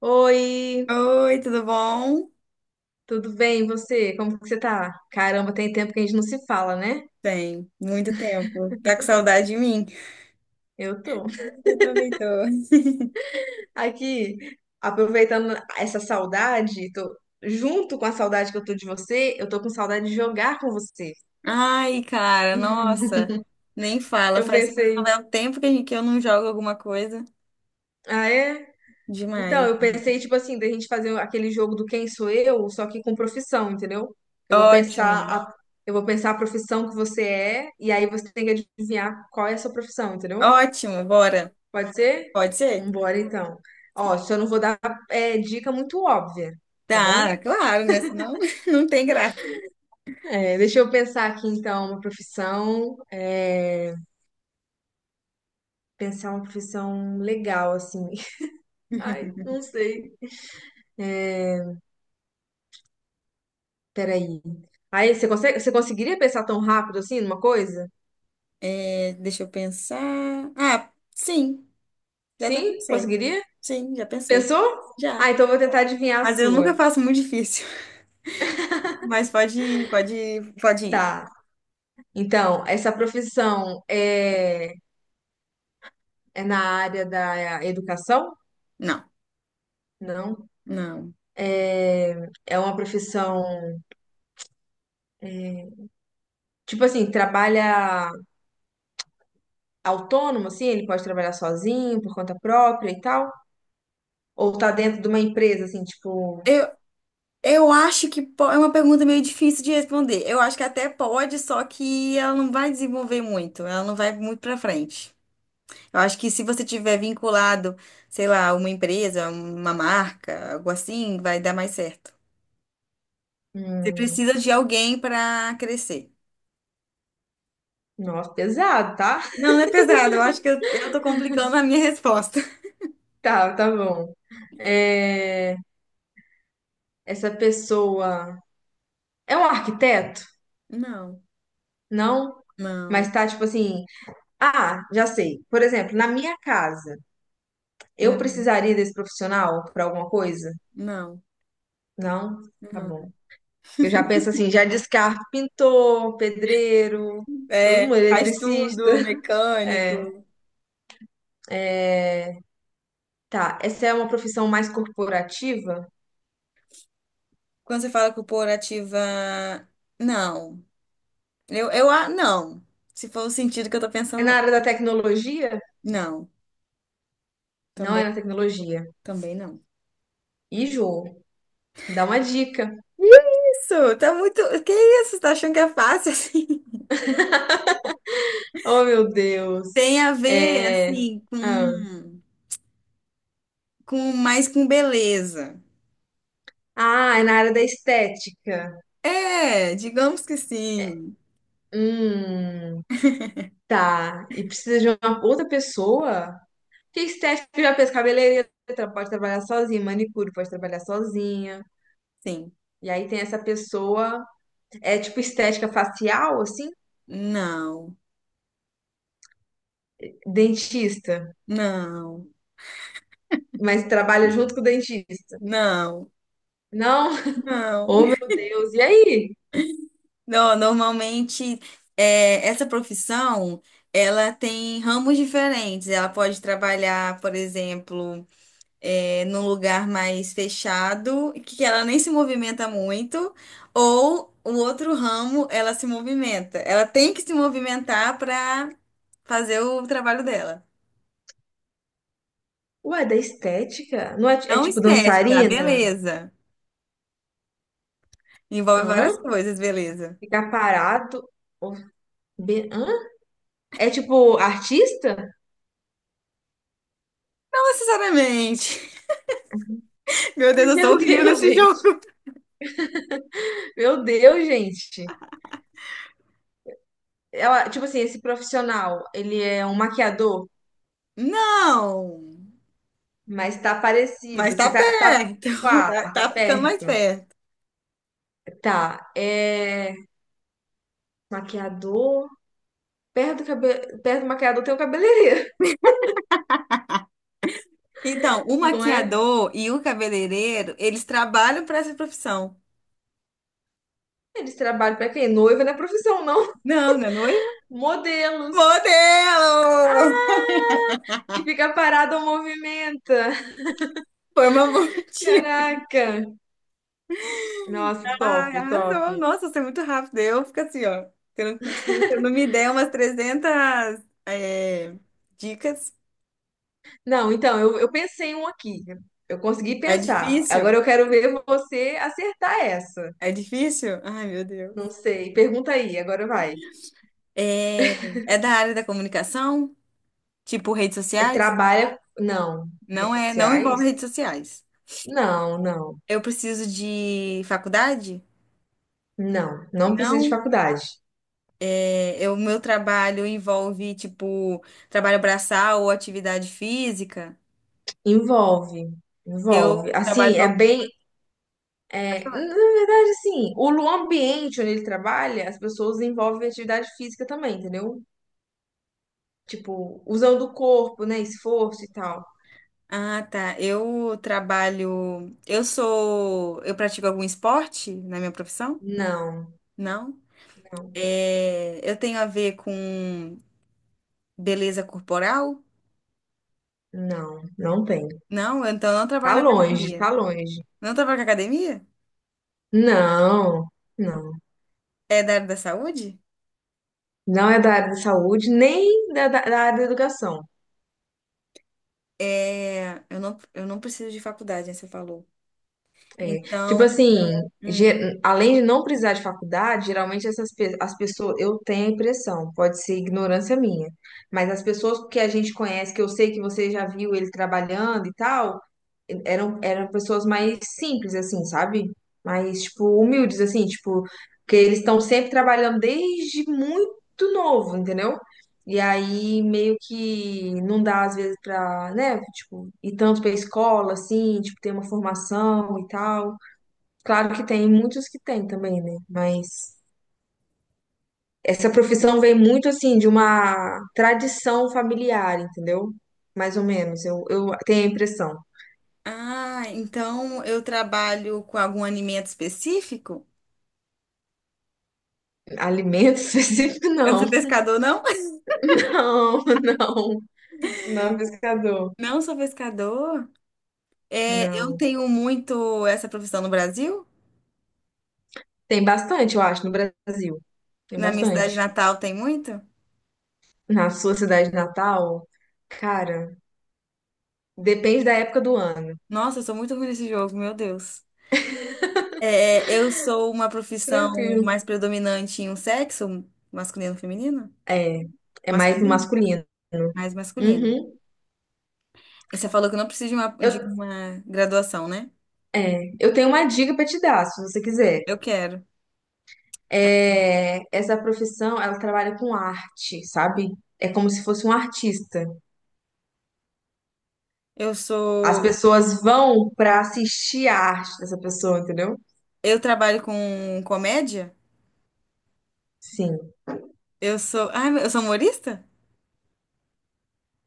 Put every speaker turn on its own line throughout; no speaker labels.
Oi,
Oi, tudo bom?
tudo bem? E você? Como que você tá? Caramba, tem tempo que a gente não se fala, né?
Bem, muito tempo. Tá com saudade de mim?
Eu tô
Eu também tô.
aqui aproveitando essa saudade, tô junto com a saudade que eu tô de você, eu tô com saudade de jogar com você.
Ai, cara, nossa, nem fala.
Eu
Parece que não
pensei,
é o tempo que a gente- que eu não jogo alguma coisa.
ah é? Então,
Demais.
eu pensei tipo assim, da gente fazer aquele jogo do Quem Sou Eu, só que com profissão, entendeu? Eu vou pensar
Ótimo,
a, eu vou pensar a profissão que você é e aí você tem que adivinhar qual é a sua profissão, entendeu?
ótimo, bora.
Pode ser?
Pode ser?
Vambora, então. Ó, só não vou dar dica muito óbvia, tá
Tá,
bom?
claro, né? Senão não tem graça.
Deixa eu pensar aqui, então, uma profissão. Pensar uma profissão legal, assim. Ai, não sei. É, Peraí. Aí, você consegue, você conseguiria pensar tão rápido assim numa coisa?
É, deixa eu pensar. Ah, sim, já até
Sim?
pensei.
Conseguiria?
Sim, já pensei.
Pensou?
Já.
Ah, então eu vou tentar adivinhar a
Mas eu nunca
sua.
faço muito difícil. Mas pode, pode, pode ir.
Tá. Então, essa profissão é na área da educação?
Não.
Não.
Não.
É, é uma profissão, hum, tipo assim, trabalha autônomo, assim, ele pode trabalhar sozinho, por conta própria e tal. Ou tá dentro de uma empresa, assim, tipo,
Eu, eu acho que é uma pergunta meio difícil de responder. Eu acho que até pode, só que ela não vai desenvolver muito, ela não vai muito para frente. Eu acho que se você tiver vinculado, sei lá, uma empresa, uma marca, algo assim, vai dar mais certo. Você
hum,
precisa de alguém para crescer.
nossa, pesado, tá?
Não, não é pesado. Eu acho que eu tô complicando a minha resposta.
Tá, tá bom. É, essa pessoa é um arquiteto?
Não,
Não,
não,
mas tá tipo assim, ah, já sei. Por exemplo, na minha casa, eu
uhum,
precisaria desse profissional para alguma coisa?
não,
Não, tá bom.
não.
Eu já penso assim, já descarto pintor, pedreiro, todo mundo,
É, faz tudo,
eletricista. É,
mecânico.
é, tá, essa é uma profissão mais corporativa?
Quando você fala corporativa, não. Não. Se for o sentido que eu tô
É na
pensando,
área da tecnologia?
não. Não.
Não é
Também,
na tecnologia.
também não.
E jogo, dá uma dica.
Isso, tá muito. Que isso? Tá achando que é fácil assim?
Oh, meu Deus.
Tem a ver,
É, ah,
com mais com beleza.
ah, é na área da estética.
É, digamos que sim.
Hum, tá. E precisa de uma outra pessoa? Que estética já pensa cabeleireira, tra- pode trabalhar sozinha, manicure pode trabalhar sozinha.
Sim.
E aí tem essa pessoa, é tipo estética facial, assim,
Não,
dentista,
não,
mas trabalha junto com o dentista.
não,
Não,
não.
oh meu Deus, e aí?
Não, normalmente essa profissão ela tem ramos diferentes. Ela pode trabalhar, por exemplo, num lugar mais fechado, que ela nem se movimenta muito, ou o outro ramo ela se movimenta. Ela tem que se movimentar para fazer o trabalho dela.
Ué, é da estética? Não é, é
Não
tipo
estética, a
dançarina?
beleza. Envolve
Hã?
várias coisas, beleza.
Ficar parado? Ou- Hã? É tipo artista?
Não necessariamente. Meu Deus, eu sou
Meu
horrível
Deus,
nesse
gente.
jogo.
Meu Deus, gente. Ela, tipo assim, esse profissional, ele é um maquiador,
Não!
mas tá parecido,
Mas tá
assim,
perto,
pá, tá
tá ficando mais
perto.
perto.
Tá, é. Maquiador. Perto do, cabe... Perto do maquiador tem o cabeleireiro,
Então, o
não é?
maquiador e o cabeleireiro, eles trabalham para essa profissão.
Eles trabalham pra quem? Noiva não é profissão, não.
Não, não é noivo?
Modelos.
Modelo!
Ah, que fica parado ou movimenta.
Foi uma boa dica.
Caraca. Nossa, top,
Ai,
top.
arrasou. Nossa, você é muito rápido. Eu fico assim, ó. Se eu não me der umas 300 dicas,
Não, então, eu pensei em um aqui. Eu consegui
é
pensar. Agora
difícil.
eu quero ver você acertar essa.
É difícil? Ai, meu
Não
Deus.
sei. Pergunta aí, agora vai.
É, é da área da comunicação? Tipo redes sociais?
Trabalha. Não.
Não
Redes
é, não
sociais?
envolve redes sociais.
Não, não.
Eu preciso de faculdade?
Não. Não precisa de
Não?
faculdade.
É, o meu trabalho envolve, tipo, trabalho braçal ou atividade física.
Envolve. Envolve.
Eu
Assim,
trabalho com
é
algum.
bem.
Pode falar.
Na verdade, assim, o lu- ambiente onde ele trabalha, as pessoas envolvem atividade física também, entendeu? Tipo, usando o corpo, né? Esforço e tal.
Ah, tá. Eu trabalho. Eu sou. Eu pratico algum esporte na minha profissão?
Não,
Não.
não,
É, eu tenho a ver com beleza corporal?
não, não tem.
Não, então eu não trabalho
Tá
na
longe,
academia.
tá longe.
Não trabalho na academia?
Não, não.
É da área da saúde?
Não é da área da saúde, nem da área da educação.
É, eu não preciso de faculdade, né, você falou.
É, tipo
Então,
assim,
hum,
ge- além de não precisar de faculdade, geralmente as pessoas, eu tenho a impressão, pode ser ignorância minha, mas as pessoas que a gente conhece, que eu sei que você já viu ele trabalhando e tal, eram pessoas mais simples, assim, sabe? Mais, tipo, humildes, assim, tipo, que eles estão sempre trabalhando desde muito novo, entendeu? E aí, meio que não dá, às vezes, pra, né, tipo, ir tanto pra escola, assim, tipo, ter uma formação e tal. Claro que tem muitos que tem também, né? Mas essa profissão vem muito assim de uma tradição familiar, entendeu? Mais ou menos, eu tenho a impressão.
ah, então eu trabalho com algum alimento específico?
Alimento específico,
Eu não sou
não.
pescador, não?
Não, não. Não é pescador.
Não sou pescador. É, eu
Não.
tenho muito essa profissão no Brasil.
Tem bastante, eu acho, no Brasil. Tem
Na minha cidade
bastante.
natal tem muito.
Na sua cidade natal, cara, depende da época do ano.
Nossa, eu sou muito ruim nesse jogo, meu Deus. É, eu sou uma profissão
Tranquilo.
mais predominante em um sexo, masculino, feminino?
É, é mais
Masculino?
masculino.
Mais masculino.
Uhum.
E você falou que eu não preciso de
Eu,
uma graduação, né?
eu tenho uma dica pra te dar, se você quiser.
Eu quero. Tá?
É, essa profissão, ela trabalha com arte, sabe? É como se fosse um artista.
Eu
As
sou.
pessoas vão para assistir a arte dessa pessoa, entendeu?
Eu trabalho com comédia.
Sim.
Eu sou. Ai, eu sou humorista?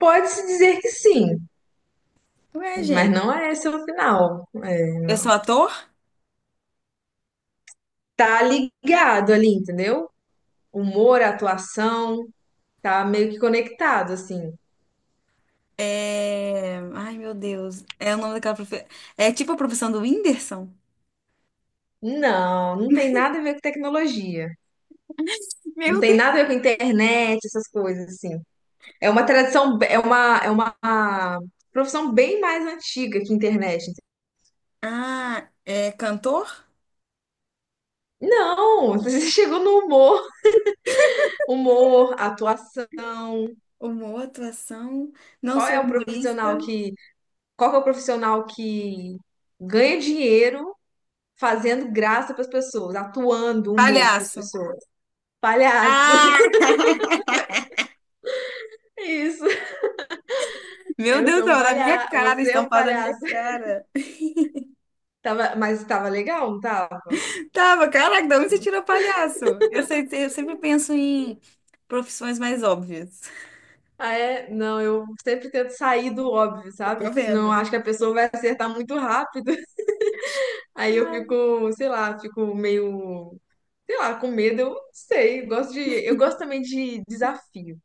Pode-se dizer que sim,
Ué,
mas
gente.
não é esse o final. É,
Eu
não.
sou ator?
Tá ligado ali, entendeu? Humor, atuação, tá meio que conectado, assim.
É... Ai, meu Deus. É o nome daquela profissão. É tipo a profissão do Whindersson?
Não, não tem nada a ver com tecnologia. Não
Meu
tem
Deus.
nada a ver com internet, essas coisas, assim. É uma tradição, é uma profissão bem mais antiga que internet.
Ah, é cantor?
Não, você chegou no humor, humor, atuação.
Humor, atuação. Não
Qual é
sou
o profissional
humorista.
que, qual que é o profissional que ganha dinheiro fazendo graça para as pessoas, atuando humor para as
Palhaço.
pessoas? Palhaço.
Ah,
Isso.
meu
Eu
Deus,
sou um
tava na minha
palhaço,
cara,
você é um
estampado na minha
palhaço.
cara.
Tava, mas tava legal, não tava?
Tava, caraca, de onde você tirou palhaço? Eu sei, eu sempre penso em profissões mais óbvias.
Ah, é? Não, eu sempre tento sair do óbvio,
Eu
sabe?
tô
Que senão eu
vendo.
acho que a pessoa vai acertar muito rápido. Aí eu fico, sei lá, com medo, eu não sei. Eu gosto também de desafio.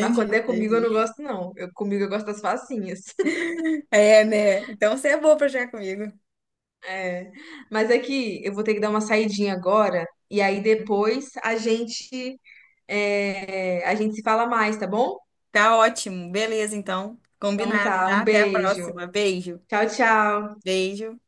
Mas quando é comigo eu não
entendi.
gosto, não. Eu, comigo eu gosto das facinhas.
É, né? Então você é boa pra jogar comigo.
É. Mas é que eu vou ter que dar uma saidinha agora. E aí depois a gente, é, a gente se fala mais, tá bom?
Tá ótimo. Beleza, então.
Então
Combinado,
tá,
tá?
um
Até a
beijo.
próxima. Beijo.
Tchau, tchau.
Beijo.